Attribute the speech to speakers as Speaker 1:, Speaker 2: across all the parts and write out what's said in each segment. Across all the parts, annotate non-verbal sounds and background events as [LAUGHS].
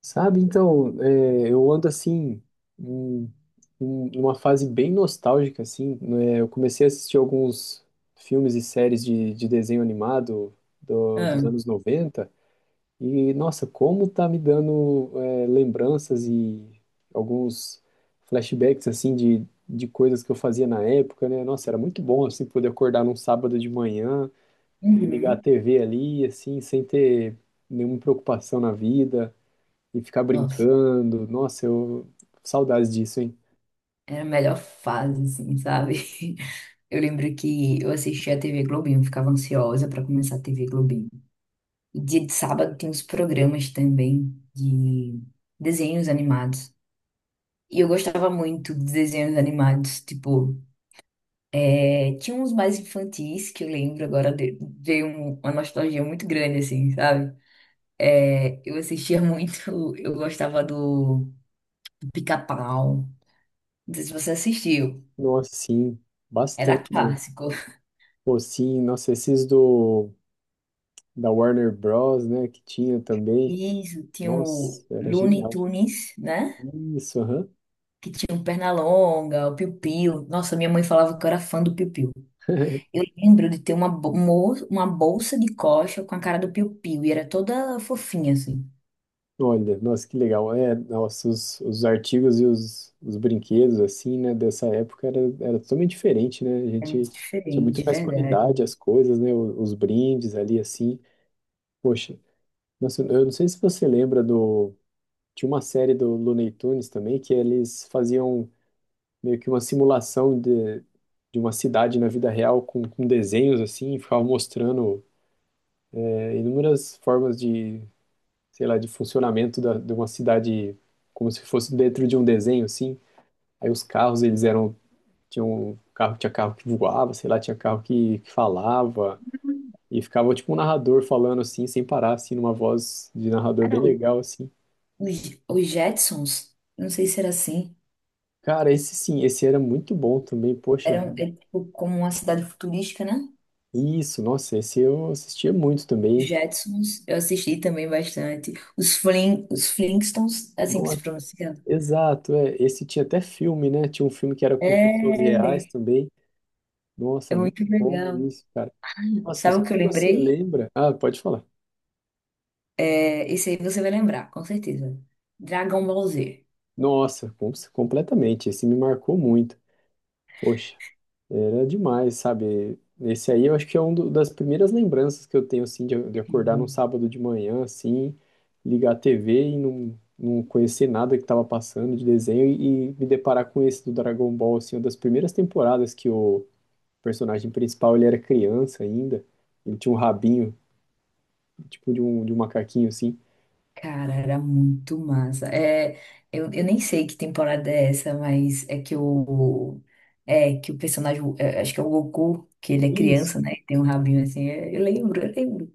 Speaker 1: Sabe, então, é, eu ando assim, em, em uma fase bem nostálgica, assim, né? Eu comecei a assistir alguns filmes e séries de desenho animado
Speaker 2: Ah,
Speaker 1: dos anos 90 e nossa, como tá me dando, é, lembranças e alguns flashbacks, assim, de coisas que eu fazia na época, né? Nossa, era muito bom, assim, poder acordar num sábado de manhã e ligar a
Speaker 2: uhum.
Speaker 1: TV ali, assim, sem ter nenhuma preocupação na vida e ficar
Speaker 2: Nossa,
Speaker 1: brincando. Nossa, eu saudades disso, hein?
Speaker 2: era a melhor fase, assim, sabe? [LAUGHS] Eu lembro que eu assistia a TV Globinho, ficava ansiosa pra começar a TV Globinho. E dia de sábado tem uns programas também de desenhos animados. E eu gostava muito de desenhos animados, tipo, tinha uns mais infantis que eu lembro agora, veio uma nostalgia muito grande, assim, sabe? Eu assistia [LAUGHS] muito, eu gostava do Pica-Pau. Não sei se você assistiu.
Speaker 1: Nossa, sim,
Speaker 2: Era
Speaker 1: bastante mesmo.
Speaker 2: clássico.
Speaker 1: Pô, sim, nossa, esses do da Warner Bros, né, que tinha também.
Speaker 2: E tinha
Speaker 1: Nossa,
Speaker 2: o
Speaker 1: era
Speaker 2: Looney
Speaker 1: genial.
Speaker 2: Tunes, né?
Speaker 1: Isso, aham.
Speaker 2: Que tinha o Pernalonga, o Piu Piu. Nossa, minha mãe falava que eu era fã do Piu Piu. Eu lembro de ter uma, uma bolsa de coxa com a cara do Piu Piu. E era toda fofinha, assim.
Speaker 1: Olha, nossa, que legal. É, nossa, os artigos e os brinquedos, assim, né, dessa época era, era totalmente diferente, né? A
Speaker 2: É
Speaker 1: gente
Speaker 2: muito
Speaker 1: tinha muito
Speaker 2: diferente,
Speaker 1: mais
Speaker 2: verdade.
Speaker 1: qualidade as coisas, né? Os brindes ali, assim. Poxa, nossa, eu não sei se você lembra do. Tinha uma série do Looney Tunes também que eles faziam meio que uma simulação de uma cidade na vida real com desenhos assim, e ficavam mostrando é, inúmeras formas de, sei lá, de funcionamento da, de uma cidade como se fosse dentro de um desenho assim. Aí os carros, eles eram, tinham carro, tinha carro que voava, sei lá, tinha carro que falava e ficava tipo um narrador falando assim, sem parar assim, numa voz de narrador
Speaker 2: Era
Speaker 1: bem
Speaker 2: o-
Speaker 1: legal assim.
Speaker 2: os Jetsons. Não sei se era assim.
Speaker 1: Cara, esse sim, esse era muito bom também, poxa
Speaker 2: Era é
Speaker 1: vida.
Speaker 2: tipo como uma cidade futurística, né?
Speaker 1: Isso, nossa, esse eu assistia muito também.
Speaker 2: Jetsons, eu assisti também bastante. Os Flintstones, assim que se
Speaker 1: Nossa,
Speaker 2: pronuncia.
Speaker 1: exato, é. Esse tinha até filme, né? Tinha um filme que era com pessoas reais
Speaker 2: É,
Speaker 1: também.
Speaker 2: é
Speaker 1: Nossa,
Speaker 2: muito
Speaker 1: muito bom
Speaker 2: legal.
Speaker 1: isso, cara. Nossa, não
Speaker 2: Sabe o
Speaker 1: sei
Speaker 2: que eu
Speaker 1: se você
Speaker 2: lembrei?
Speaker 1: lembra. Ah, pode falar.
Speaker 2: É, esse aí você vai lembrar, com certeza. Dragon Ball Z.
Speaker 1: Nossa, completamente. Esse me marcou muito. Poxa. Era demais, sabe? Esse aí eu acho que é uma das primeiras lembranças que eu tenho, assim, de acordar num
Speaker 2: Uhum.
Speaker 1: sábado de manhã, assim, ligar a TV e não conhecer nada que estava passando de desenho e me deparar com esse do Dragon Ball, assim, uma das primeiras temporadas que o personagem principal, ele era criança ainda, ele tinha um rabinho, tipo de um macaquinho, assim.
Speaker 2: Cara, era muito massa. É, eu nem sei que temporada é essa, mas é, que o personagem, é, acho que é o Goku, que ele é
Speaker 1: Isso.
Speaker 2: criança, né? Tem um rabinho assim. É, eu lembro, eu lembro.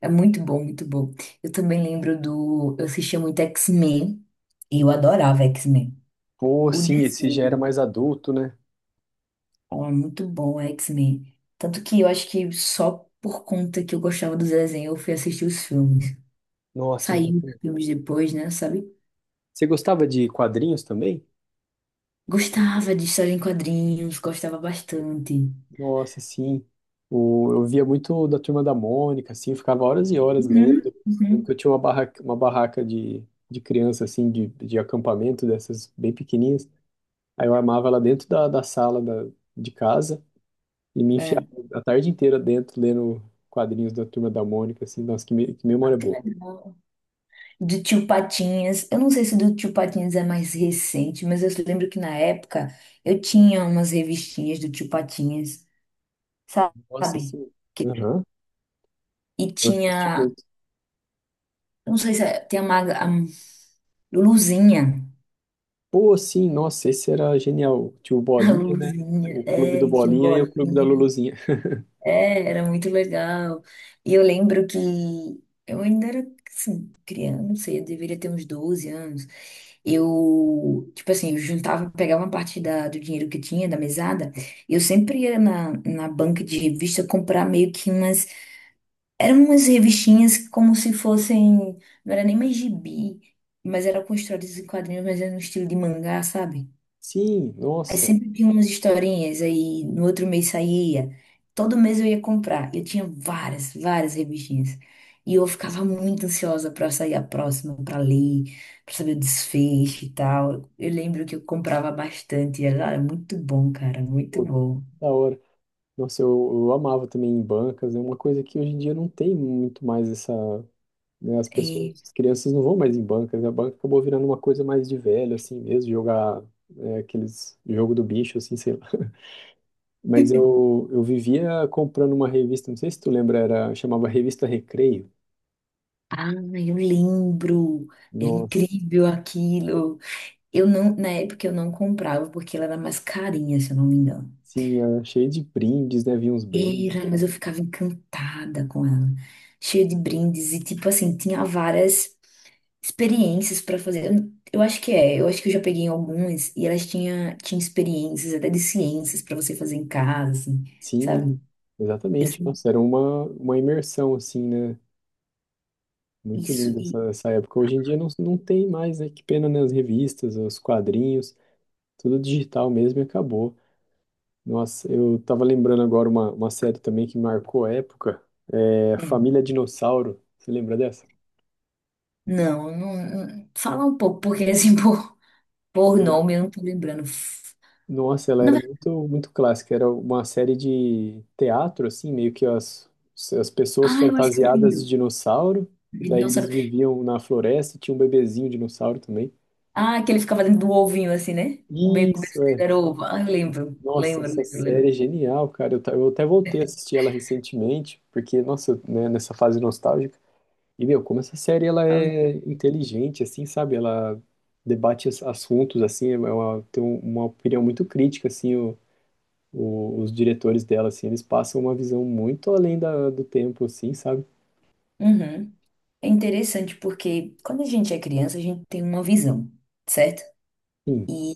Speaker 2: É muito bom, muito bom. Eu também lembro do. Eu assistia muito X-Men e eu adorava X-Men.
Speaker 1: Pô,
Speaker 2: O
Speaker 1: sim, esse já era
Speaker 2: desenho.
Speaker 1: mais adulto, né?
Speaker 2: Oh, é muito bom, X-Men. Tanto que eu acho que só por conta que eu gostava dos desenhos, eu fui assistir os filmes.
Speaker 1: Nossa,
Speaker 2: Saíram os filmes depois, né? Sabe?
Speaker 1: você gostava de quadrinhos também?
Speaker 2: Gostava de história em quadrinhos, gostava bastante.
Speaker 1: Nossa, sim. O, eu via muito da Turma da Mônica, assim, ficava horas e horas lendo.
Speaker 2: Uhum,
Speaker 1: Eu lembro que
Speaker 2: uhum.
Speaker 1: eu tinha uma barraca de criança, assim, de acampamento, dessas bem pequenininhas. Aí eu armava ela dentro da, da sala da, de casa e me enfiava
Speaker 2: É.
Speaker 1: a tarde inteira dentro, lendo quadrinhos da Turma da Mônica, assim. Nossa, que
Speaker 2: Ah,
Speaker 1: memória
Speaker 2: que
Speaker 1: boa.
Speaker 2: legal. Do Tio Patinhas. Eu não sei se do Tio Patinhas é mais recente, mas eu lembro que na época eu tinha umas revistinhas do Tio Patinhas,
Speaker 1: Nossa,
Speaker 2: sabe?
Speaker 1: sim.
Speaker 2: Que-
Speaker 1: Aham,
Speaker 2: E
Speaker 1: eu assisti
Speaker 2: tinha.
Speaker 1: muito.
Speaker 2: Eu não sei se é- tem a, maga, a Luzinha.
Speaker 1: Pô, sim, nossa, esse era genial. Tinha o
Speaker 2: A
Speaker 1: Bolinha, né?
Speaker 2: luzinha,
Speaker 1: O Clube do
Speaker 2: é, tinha um
Speaker 1: Bolinha e o Clube da
Speaker 2: bolinha.
Speaker 1: Luluzinha.
Speaker 2: É, era muito legal. E eu lembro que eu ainda era, assim, criança, não sei, eu deveria ter uns 12 anos. Eu, tipo assim, eu juntava, pegava uma parte da, do dinheiro que eu tinha, da mesada, e eu sempre ia na, na banca de revista comprar meio que umas. Eram umas revistinhas como se fossem. Não era nem mais gibi, mas eram construídas em quadrinhos, mas era no estilo de mangá, sabe?
Speaker 1: Sim,
Speaker 2: Aí
Speaker 1: nossa.
Speaker 2: sempre tinha umas historinhas, aí no outro mês saía. Todo mês eu ia comprar. Eu tinha várias, várias revistinhas. E eu ficava muito ansiosa para sair a próxima, para ler, para saber o desfecho e tal. Eu lembro que eu comprava bastante. Era muito bom, cara, muito bom.
Speaker 1: Da hora. Nossa, eu amava também em bancas. É uma coisa que hoje em dia não tem muito mais essa, né, as pessoas,
Speaker 2: É,
Speaker 1: as crianças não vão mais em bancas. A banca acabou virando uma coisa mais de velho, assim mesmo, jogar é, aqueles jogo do bicho, assim, sei lá. [LAUGHS] Mas
Speaker 2: [LAUGHS]
Speaker 1: eu vivia comprando uma revista, não sei se tu lembra, era, chamava Revista Recreio.
Speaker 2: Ah, eu lembro. Era
Speaker 1: Nossa,
Speaker 2: incrível aquilo. Eu não, na época eu não comprava porque ela era mais carinha, se eu não me engano.
Speaker 1: sim, era cheio de brindes, né? Vinha uns brindes e
Speaker 2: Era, mas
Speaker 1: tal.
Speaker 2: eu ficava encantada com ela, cheia de brindes e tipo assim, tinha várias experiências pra fazer. Eu acho que é, eu acho que eu já peguei algumas e elas tinha experiências até de ciências pra você fazer em casa, assim,
Speaker 1: Sim,
Speaker 2: sabe? Eu
Speaker 1: exatamente.
Speaker 2: sei
Speaker 1: Nossa, era uma imersão, assim, né? Muito
Speaker 2: isso
Speaker 1: linda
Speaker 2: e
Speaker 1: essa, essa época. Hoje em dia não, não tem mais, né? Que pena, né? As revistas, os quadrinhos, tudo digital mesmo e acabou. Nossa, eu tava lembrando agora uma série também que marcou a época, é
Speaker 2: hum,
Speaker 1: Família Dinossauro. Você lembra dessa?
Speaker 2: não, não, não- fala um pouco porque assim [LAUGHS] por
Speaker 1: Ela-
Speaker 2: nome eu não tô lembrando.
Speaker 1: nossa, ela
Speaker 2: Na
Speaker 1: era
Speaker 2: verdade,
Speaker 1: muito, muito clássica. Era uma série de teatro, assim, meio que as pessoas
Speaker 2: ah, eu acho que eu
Speaker 1: fantasiadas de
Speaker 2: lembro.
Speaker 1: dinossauro, e daí
Speaker 2: Não
Speaker 1: eles
Speaker 2: sabe.
Speaker 1: viviam na floresta, e tinha um bebezinho dinossauro também.
Speaker 2: Ah, que ele ficava dentro do ovinho assim, né? O bacon dele
Speaker 1: Isso, é.
Speaker 2: era ovo. Ah, eu lembro,
Speaker 1: Nossa,
Speaker 2: lembro,
Speaker 1: essa
Speaker 2: lembro,
Speaker 1: série é genial, cara. Eu até voltei a assistir ela recentemente, porque, nossa, né, nessa fase nostálgica. E, meu, como essa série ela
Speaker 2: lembro.
Speaker 1: é inteligente, assim, sabe? Ela debate assuntos, assim, é uma opinião muito crítica, assim, os diretores dela, assim, eles passam uma visão muito além do tempo, assim, sabe?
Speaker 2: Uhum. É interessante porque quando a gente é criança, a gente tem uma visão, certo?
Speaker 1: Sim,
Speaker 2: E,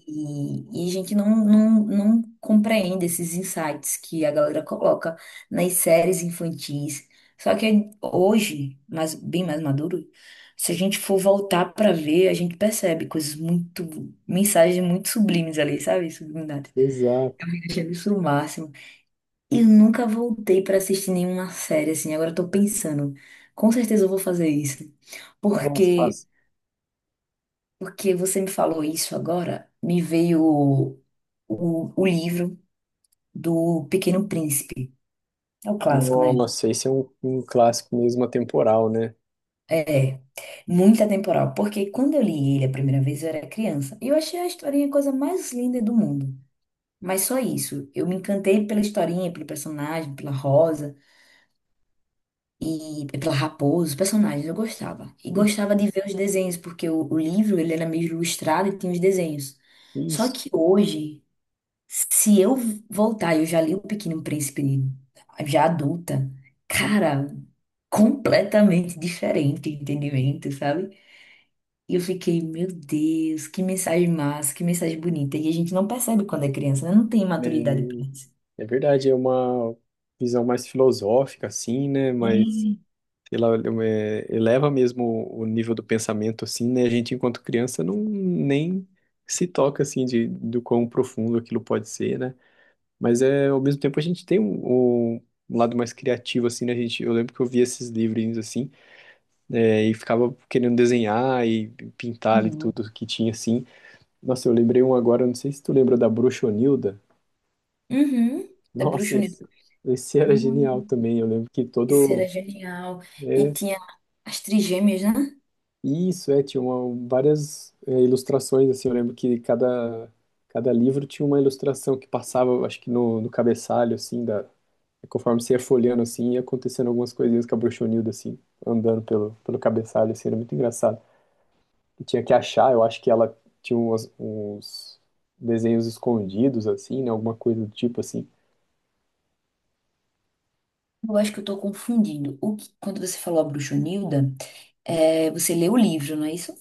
Speaker 2: e a gente não compreende esses insights que a galera coloca nas séries infantis. Só que hoje, mas bem mais maduro, se a gente for voltar pra ver, a gente percebe coisas muito, mensagens muito sublimes ali, sabe? Subliminares. [LAUGHS]
Speaker 1: exato.
Speaker 2: Eu achei isso o máximo. Eu nunca voltei pra assistir nenhuma série, assim. Agora eu tô pensando. Com certeza eu vou fazer isso.
Speaker 1: Nossa,
Speaker 2: Porque,
Speaker 1: fácil.
Speaker 2: porque você me falou isso agora, me veio o livro do Pequeno Príncipe. É o clássico, né?
Speaker 1: Nossa, esse é um, um clássico mesmo atemporal, né?
Speaker 2: É, muito atemporal. Porque quando eu li ele a primeira vez, eu era criança. E eu achei a historinha a coisa mais linda do mundo. Mas só isso. Eu me encantei pela historinha, pelo personagem, pela Rosa, e pela Raposo, os personagens, eu gostava. E
Speaker 1: Sim,
Speaker 2: gostava de ver os desenhos, porque o livro ele era meio ilustrado e tinha os desenhos. Só
Speaker 1: isso,
Speaker 2: que hoje, se eu voltar, eu já li O Pequeno Príncipe, já adulta, cara, completamente diferente o entendimento, sabe? E eu fiquei, meu Deus, que mensagem massa, que mensagem bonita. E a gente não percebe quando é criança, né? Não tem maturidade
Speaker 1: né?
Speaker 2: pra isso.
Speaker 1: É verdade, é uma visão mais filosófica, assim, né? Mas,
Speaker 2: É.
Speaker 1: sei lá, é, eleva mesmo o nível do pensamento, assim, né? A gente, enquanto criança, não nem se toca, assim, de, do quão profundo aquilo pode ser, né? Mas, é, ao mesmo tempo, a gente tem um, um lado mais criativo, assim, né? A gente, eu lembro que eu via esses livrinhos, assim, é, e ficava querendo desenhar e pintar ali
Speaker 2: Uhum.
Speaker 1: tudo que tinha, assim. Nossa, eu lembrei um agora, não sei se tu lembra da Bruxonilda.
Speaker 2: Uhum. Da
Speaker 1: Nossa,
Speaker 2: Bruxa Unida.
Speaker 1: esse era genial também. Eu lembro que
Speaker 2: Isso
Speaker 1: todo.
Speaker 2: era genial. E
Speaker 1: É,
Speaker 2: tinha as trigêmeas, né?
Speaker 1: isso, é, tinha uma- várias é, ilustrações, assim. Eu lembro que cada, cada livro tinha uma ilustração que passava, eu acho que no, no cabeçalho, assim, da, conforme você ia folheando, assim, ia acontecendo algumas coisinhas com a bruxonilda, assim, andando pelo, pelo cabeçalho, assim, era muito engraçado. E tinha que achar, eu acho que ela tinha uns desenhos escondidos, assim, né? Alguma coisa do tipo, assim.
Speaker 2: Eu acho que eu tô confundindo. O que- quando você falou a Bruxonilda, é, você leu o livro, não é isso?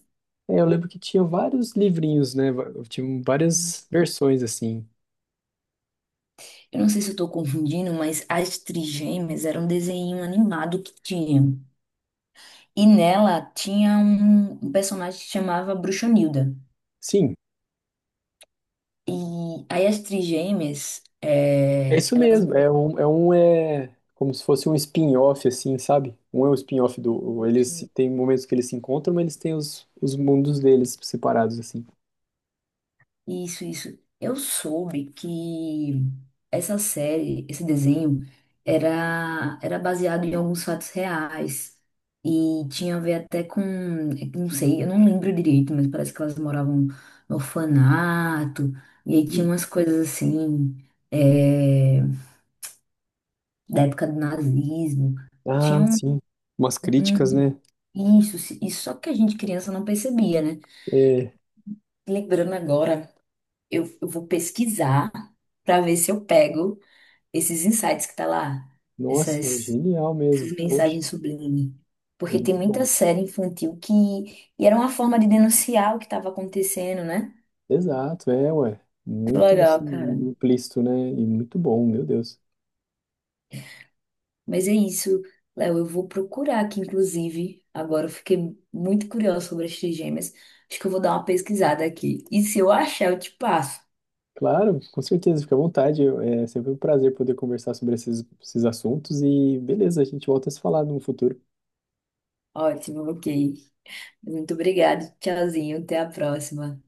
Speaker 1: É, eu lembro que tinha vários livrinhos, né? Tinha várias versões assim.
Speaker 2: Eu não sei se eu tô confundindo, mas as trigêmeas era um desenho animado que tinha. E nela tinha um personagem que chamava Bruxonilda.
Speaker 1: Sim,
Speaker 2: E aí as trigêmeas,
Speaker 1: é
Speaker 2: é,
Speaker 1: isso
Speaker 2: elas
Speaker 1: mesmo. É um é como se fosse um spin-off, assim, sabe? Um é o spin-off do. Eles se- tem momentos que eles se encontram, mas eles têm os mundos deles separados, assim.
Speaker 2: Isso, isso. Eu soube que essa série, esse desenho, era baseado em alguns fatos reais. E tinha a ver até com, não sei, eu não lembro direito, mas parece que elas moravam no orfanato. E aí tinha
Speaker 1: Sim.
Speaker 2: umas coisas assim, é, da época do nazismo.
Speaker 1: Ah,
Speaker 2: Tinha
Speaker 1: sim. Umas críticas,
Speaker 2: um-
Speaker 1: né?
Speaker 2: isso, isso só que a gente criança não percebia, né?
Speaker 1: É,
Speaker 2: Lembrando agora, eu vou pesquisar para ver se eu pego esses insights que tá lá,
Speaker 1: nossa,
Speaker 2: essas,
Speaker 1: genial mesmo.
Speaker 2: essas
Speaker 1: Poxa,
Speaker 2: mensagens sublimes.
Speaker 1: é
Speaker 2: Porque tem
Speaker 1: muito
Speaker 2: muita
Speaker 1: bom.
Speaker 2: série infantil que. E era uma forma de denunciar o que estava acontecendo, né?
Speaker 1: Exato, é, ué.
Speaker 2: Muito
Speaker 1: Muito
Speaker 2: legal,
Speaker 1: assim,
Speaker 2: cara.
Speaker 1: implícito, né? E muito bom, meu Deus.
Speaker 2: Mas é isso, Léo. Eu vou procurar aqui, inclusive. Agora eu fiquei muito curiosa sobre as trigêmeas. Acho que eu vou dar uma pesquisada aqui. E se eu achar, eu te passo.
Speaker 1: Claro, com certeza, fica à vontade. É sempre um prazer poder conversar sobre esses, esses assuntos e beleza, a gente volta a se falar no futuro.
Speaker 2: Ótimo, ok. Muito obrigada. Tchauzinho. Até a próxima.